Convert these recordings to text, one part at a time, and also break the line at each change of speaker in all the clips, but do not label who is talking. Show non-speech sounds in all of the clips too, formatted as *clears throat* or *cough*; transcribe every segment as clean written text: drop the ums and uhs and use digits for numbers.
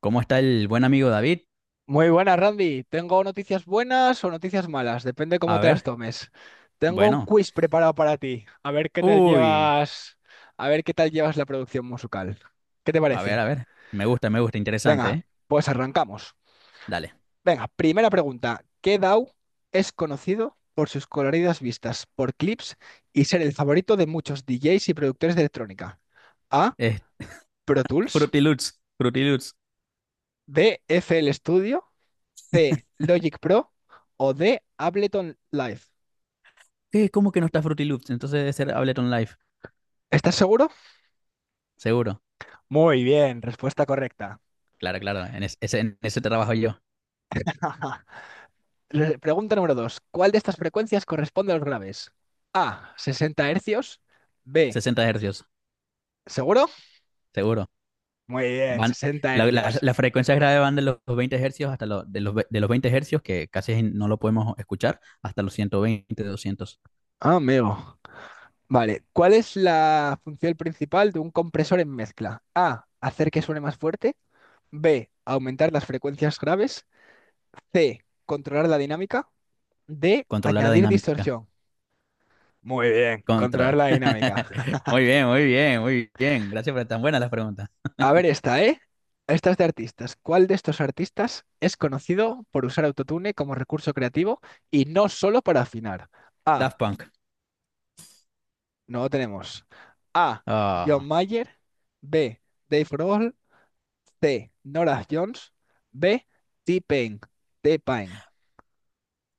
¿Cómo está el buen amigo David?
Muy buenas, Randy. Tengo noticias buenas o noticias malas, depende cómo
A
te las
ver,
tomes. Tengo un
bueno.
quiz preparado para ti.
Uy,
A ver qué tal llevas la producción musical. ¿Qué te
a ver,
parece?
a ver. Me gusta, interesante,
Venga,
¿eh?
pues arrancamos.
Dale.
Venga, primera pregunta. ¿Qué DAO es conocido por sus coloridas vistas, por clips y ser el favorito de muchos DJs y productores de electrónica? A.
Eh,
Pro Tools.
Fruity Loops, Fruity Loops.
B. FL Studio. C. Logic Pro. O D. Ableton Live.
¿Qué? ¿Cómo que no está Fruity Loops? Entonces debe ser Ableton Live,
¿Estás seguro?
seguro.
Muy bien, respuesta correcta.
Claro, claro, en ese trabajo yo.
*laughs* Pregunta número 2. ¿Cuál de estas frecuencias corresponde a los graves? A, 60 Hz. B,
60 hercios,
¿seguro?
seguro.
Muy bien,
Van,
60
la, la,
hercios.
las frecuencias graves van de los 20 hercios hasta los, de los, ve- de los 20 hercios, que casi no lo podemos escuchar, hasta los 120, 200.
Ah, amigo. Vale, ¿cuál es la función principal de un compresor en mezcla? A, hacer que suene más fuerte. B, aumentar las frecuencias graves. C, controlar la dinámica. D,
Controlar la
añadir
dinámica.
distorsión. Muy bien, controlar
Contra.
la
*laughs*
dinámica.
Muy bien, muy bien, muy bien. Gracias por tan buenas las preguntas.
A ver esta, ¿eh? Esta es de artistas. ¿Cuál de estos artistas es conocido por usar autotune como recurso creativo y no solo para afinar? A.
Daft Punk.
No lo tenemos. A.
Ah.
John Mayer. B. Dave Grohl. C. Norah Jones. B. T-Pain. T-Pain.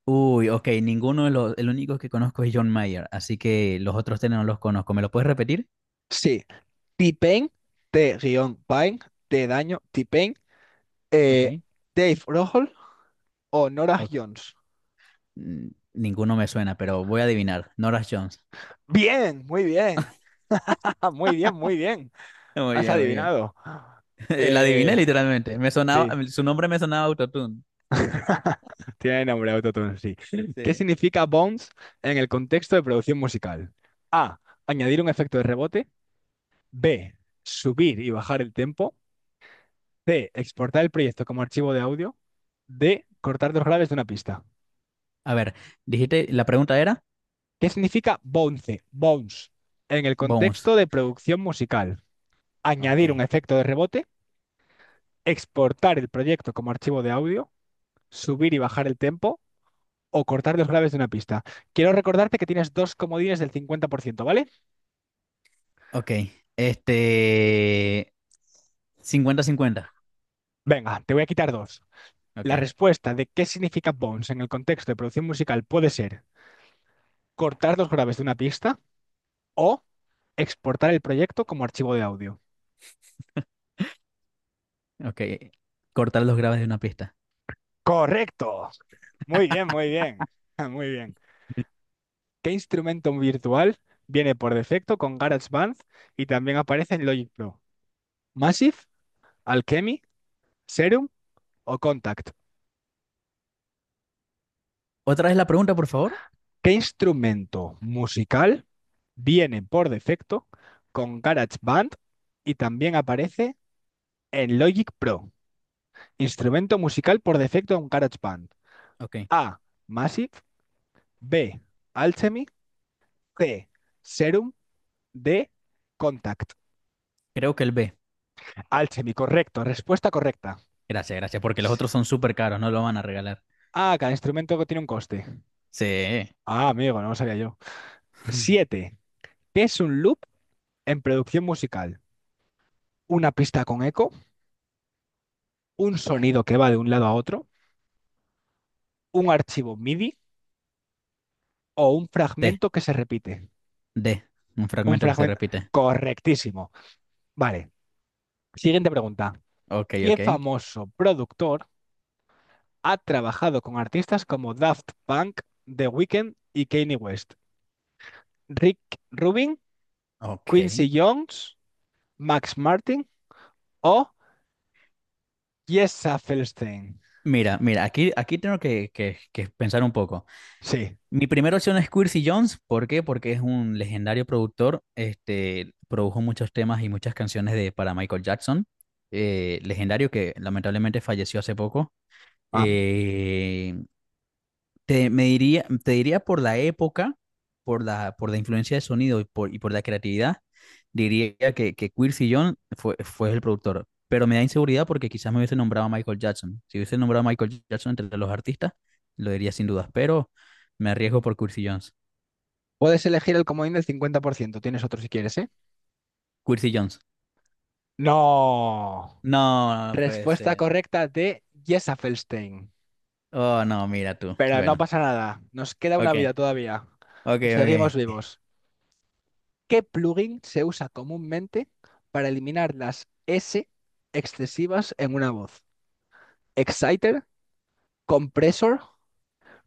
Uy, ok, el único que conozco es John Mayer, así que los otros tres no los conozco. ¿Me lo puedes repetir?
Sí. T-Pain. T-Pain. T daño. T-Pain.
Ok.
eh, Dave Grohl o Norah
Ok,
Jones.
mm, Ninguno me suena, pero voy a adivinar. Norah Jones.
Bien, muy bien. *laughs* Muy bien, muy bien.
*laughs* Muy
Has
bien, muy bien.
adivinado.
*laughs* La adiviné
Eh,
literalmente. Me sonaba,
sí,
su nombre me sonaba autotune.
*laughs* tiene nombre autotune, sí. ¿Qué
Sí.
significa bounce en el contexto de producción musical? A. Añadir un efecto de rebote. B. Subir y bajar el tempo. C. Exportar el proyecto como archivo de audio. D. Cortar dos graves de una pista.
A ver, dijiste, la pregunta era
¿Qué significa bounce? Bounce. En el
Bones.
contexto de producción musical.
Ok.
Añadir un efecto de rebote. Exportar el proyecto como archivo de audio. Subir y bajar el tempo. O cortar los graves de una pista. Quiero recordarte que tienes dos comodines del 50%, ¿vale?
Ok. Este cincuenta cincuenta.
Venga, te voy a quitar dos. La
Ok.
respuesta de qué significa bounce en el contexto de producción musical puede ser cortar los graves de una pista o exportar el proyecto como archivo de audio.
Ok. Cortar los graves de una pista.
Correcto. Muy bien, muy bien. *laughs* Muy bien. ¿Qué instrumento virtual viene por defecto con GarageBand y también aparece en Logic Pro? ¿Massive, Alchemy, Serum o Contact?
Otra vez la pregunta, por favor.
¿Qué instrumento musical viene por defecto con GarageBand y también aparece en Logic Pro? Instrumento musical por defecto en GarageBand.
Ok.
A. Massive. B. Alchemy. C. Serum. D. Contact.
Creo que el B.
Alchemy, correcto. Respuesta correcta.
Gracias, gracias, porque los otros son súper caros, no lo van a regalar.
Ah, cada instrumento que tiene un coste.
Sí.
Ah, amigo, no lo sabía yo. 7. ¿Qué es un loop en producción musical? Una pista con eco, un sonido que va de un lado a otro, un archivo MIDI, o un
T.
fragmento que se repite.
D. Un
Un
fragmento que se
fragmento.
repite.
Correctísimo. Vale. Siguiente pregunta.
Ok,
¿Qué
ok.
famoso productor ha trabajado con artistas como Daft Punk, The Weeknd y Kanye West? Rick Rubin,
Ok.
Quincy Jones, Max Martin o Jessa Felstein.
Mira, mira, aquí, aquí tengo que pensar un poco.
Sí.
Mi primera opción es Quincy Jones. ¿Por qué? Porque es un legendario productor. Produjo muchos temas y muchas canciones para Michael Jackson. Legendario que lamentablemente falleció hace poco.
Ah.
Eh, te diría por la época, por la influencia de sonido y por la creatividad, diría que Quincy Jones fue el productor. Pero me da inseguridad porque quizás me hubiese nombrado a Michael Jackson. Si hubiese nombrado a Michael Jackson entre los artistas, lo diría sin dudas. Pero me arriesgo por Quincy Jones.
Puedes elegir el comodín del 50%. Tienes otro si quieres, ¿eh?
Quincy Jones.
No.
No, no puede
Respuesta
ser.
correcta de Jessa Felstein.
Oh, no, mira tú.
Pero no
Bueno,
pasa nada, nos queda una
ok,
vida todavía.
ok,
Seguimos
ok.
vivos. ¿Qué plugin se usa comúnmente para eliminar las S excesivas en una voz? ¿Exciter, compressor,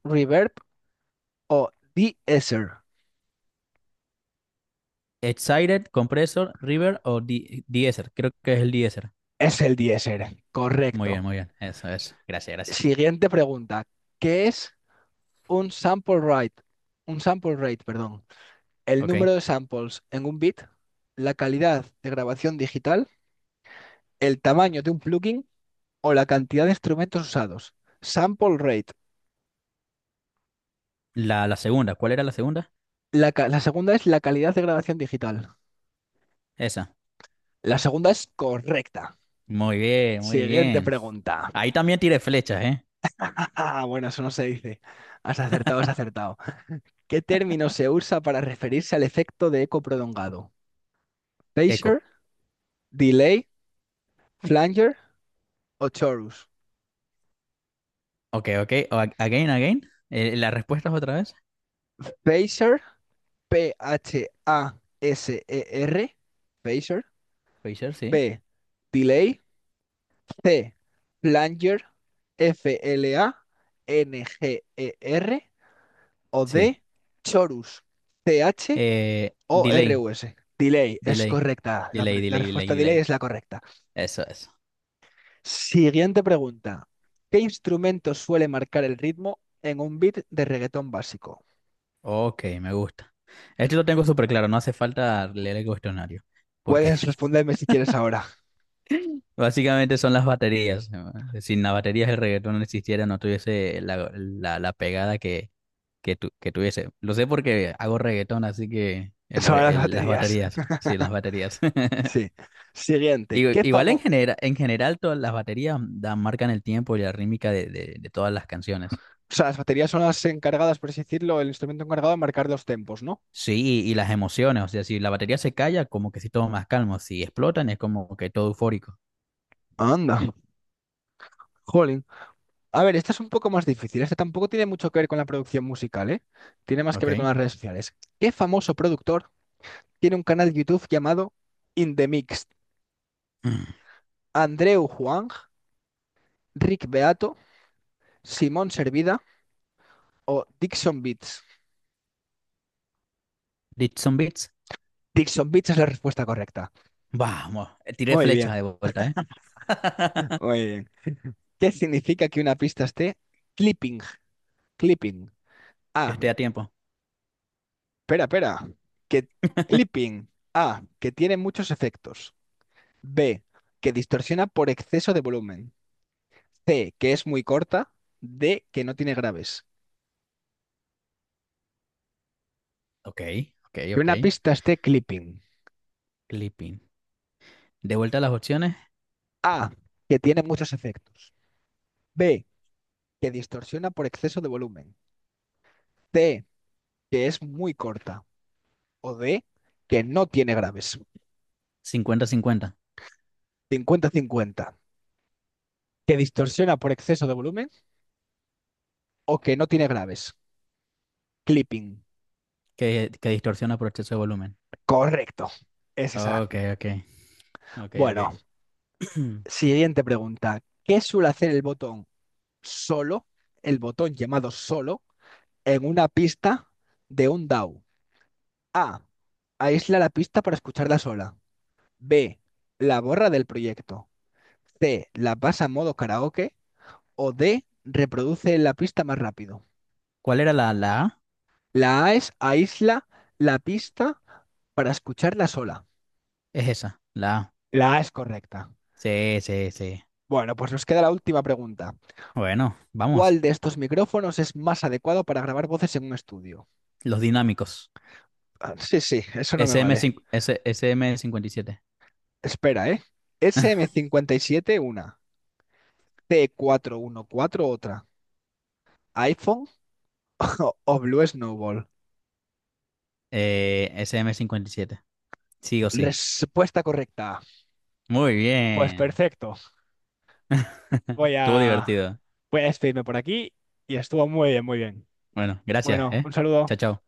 reverb o de-esser?
Excited, Compressor, River o Deezer. Creo que es el Deezer.
Es el de-esser,
Muy bien,
correcto.
muy bien. Eso, eso. Gracias, gracias.
Siguiente pregunta. ¿Qué es un sample rate? Un sample rate, perdón. El
Ok.
número de samples en un bit, la calidad de grabación digital, el tamaño de un plugin o la cantidad de instrumentos usados. Sample rate.
La segunda, ¿cuál era la segunda?
La segunda es la calidad de grabación digital.
Esa.
La segunda es correcta.
Muy bien, muy
Siguiente
bien.
pregunta.
Ahí
*laughs*
también tiré flechas, ¿eh?
Bueno, eso no se dice. Has acertado, has acertado. ¿Qué término se usa para referirse al efecto de eco prolongado?
Eco.
Pacer, delay, flanger o chorus.
Ok, ok. Again, again. ¿Las respuestas otra vez?
Pacer, P-H-A-S-E-R, pacer,
Phaser, sí.
P, delay, T. Flanger, F-L-A-N-G-E-R o
Sí.
D. Chorus,
Delay,
C-H-O-R-U-S. Delay es
delay.
correcta. La,
Delay,
pre- la
delay,
respuesta
delay,
delay es
delay.
la correcta.
Eso, eso.
Siguiente pregunta. ¿Qué instrumento suele marcar el ritmo en un beat de reggaetón básico?
Ok, me gusta. Esto lo tengo súper claro, no hace falta leer el cuestionario. Porque
Puedes responderme si quieres ahora.
Básicamente son las baterías, ¿no? Sin las baterías el reggaetón no existiera, no tuviese la pegada que tuviese. Lo sé porque hago reggaetón, así que
*laughs*
el,
Son las
re- el- las
baterías.
baterías, sí, las
*laughs*
baterías.
Sí.
*laughs*
Siguiente. ¿Qué
Igual
famoso?
en general todas las baterías marcan el tiempo y la rítmica de todas las canciones.
O sea, las baterías son las encargadas, por así decirlo, el instrumento encargado de marcar los tempos, ¿no?
Sí, y las emociones, o sea, si la batería se calla, como que si todo más calmo, si explotan es como que todo eufórico.
Anda. Jolín. A ver, esta es un poco más difícil. Esta tampoco tiene mucho que ver con la producción musical, ¿eh? Tiene más que
Ok.
ver con
*clears throat*
las redes sociales. ¿Qué famoso productor tiene un canal de YouTube llamado In The Mix?
Mm.
¿Andreu Huang, Rick Beato, Simón Servida o Dixon Beats?
Did some beats?
Dixon Beats es la respuesta correcta.
Vamos, tiré
Muy
flecha
bien,
de vuelta, ¿eh? *laughs*
muy bien. ¿Qué significa que una pista esté clipping? Clipping.
Que
Ah,
esté a tiempo.
espera, espera. Que clipping. Ah, que tiene muchos efectos. B, que distorsiona por exceso de volumen. C, que es muy corta. D, que no tiene graves.
Ok, ok,
Que
ok.
una pista esté clipping.
Clipping. De vuelta a las opciones.
A, que tiene muchos efectos. B, que distorsiona por exceso de volumen. C, que es muy corta. O D, que no tiene graves.
Cincuenta cincuenta.
50-50. Que distorsiona por exceso de volumen o que no tiene graves. Clipping.
Que distorsiona por exceso de volumen.
Correcto. Es esa.
Ok, ok, ok, ok.
Bueno,
*clears throat*
siguiente pregunta. ¿Qué suele hacer el botón solo, el botón llamado solo, en una pista de un DAW? A. W. A. Aísla la pista para escucharla sola. B. La borra del proyecto. C. La pasa a modo karaoke. O D. Reproduce la pista más rápido.
¿Cuál era la A?
La A es aísla la pista para escucharla sola.
Es esa, la A.
La A es correcta.
Sí, sí, sí.
Bueno, pues nos queda la última pregunta.
Bueno, vamos.
¿Cuál de estos micrófonos es más adecuado para grabar voces en un estudio?
Los dinámicos.
Ah, sí, sí, eso no me
s m
vale.
5 S- SM57.
Espera, SM57 una, T414 otra, iPhone *laughs* o Blue Snowball.
SM57. Sí o sí.
Respuesta correcta.
Muy
Pues
bien.
perfecto.
*laughs*
Voy
Estuvo
a,
divertido.
voy a despedirme por aquí y estuvo muy bien, muy bien.
Bueno, gracias,
Bueno,
¿eh?
un saludo.
Chao, chao.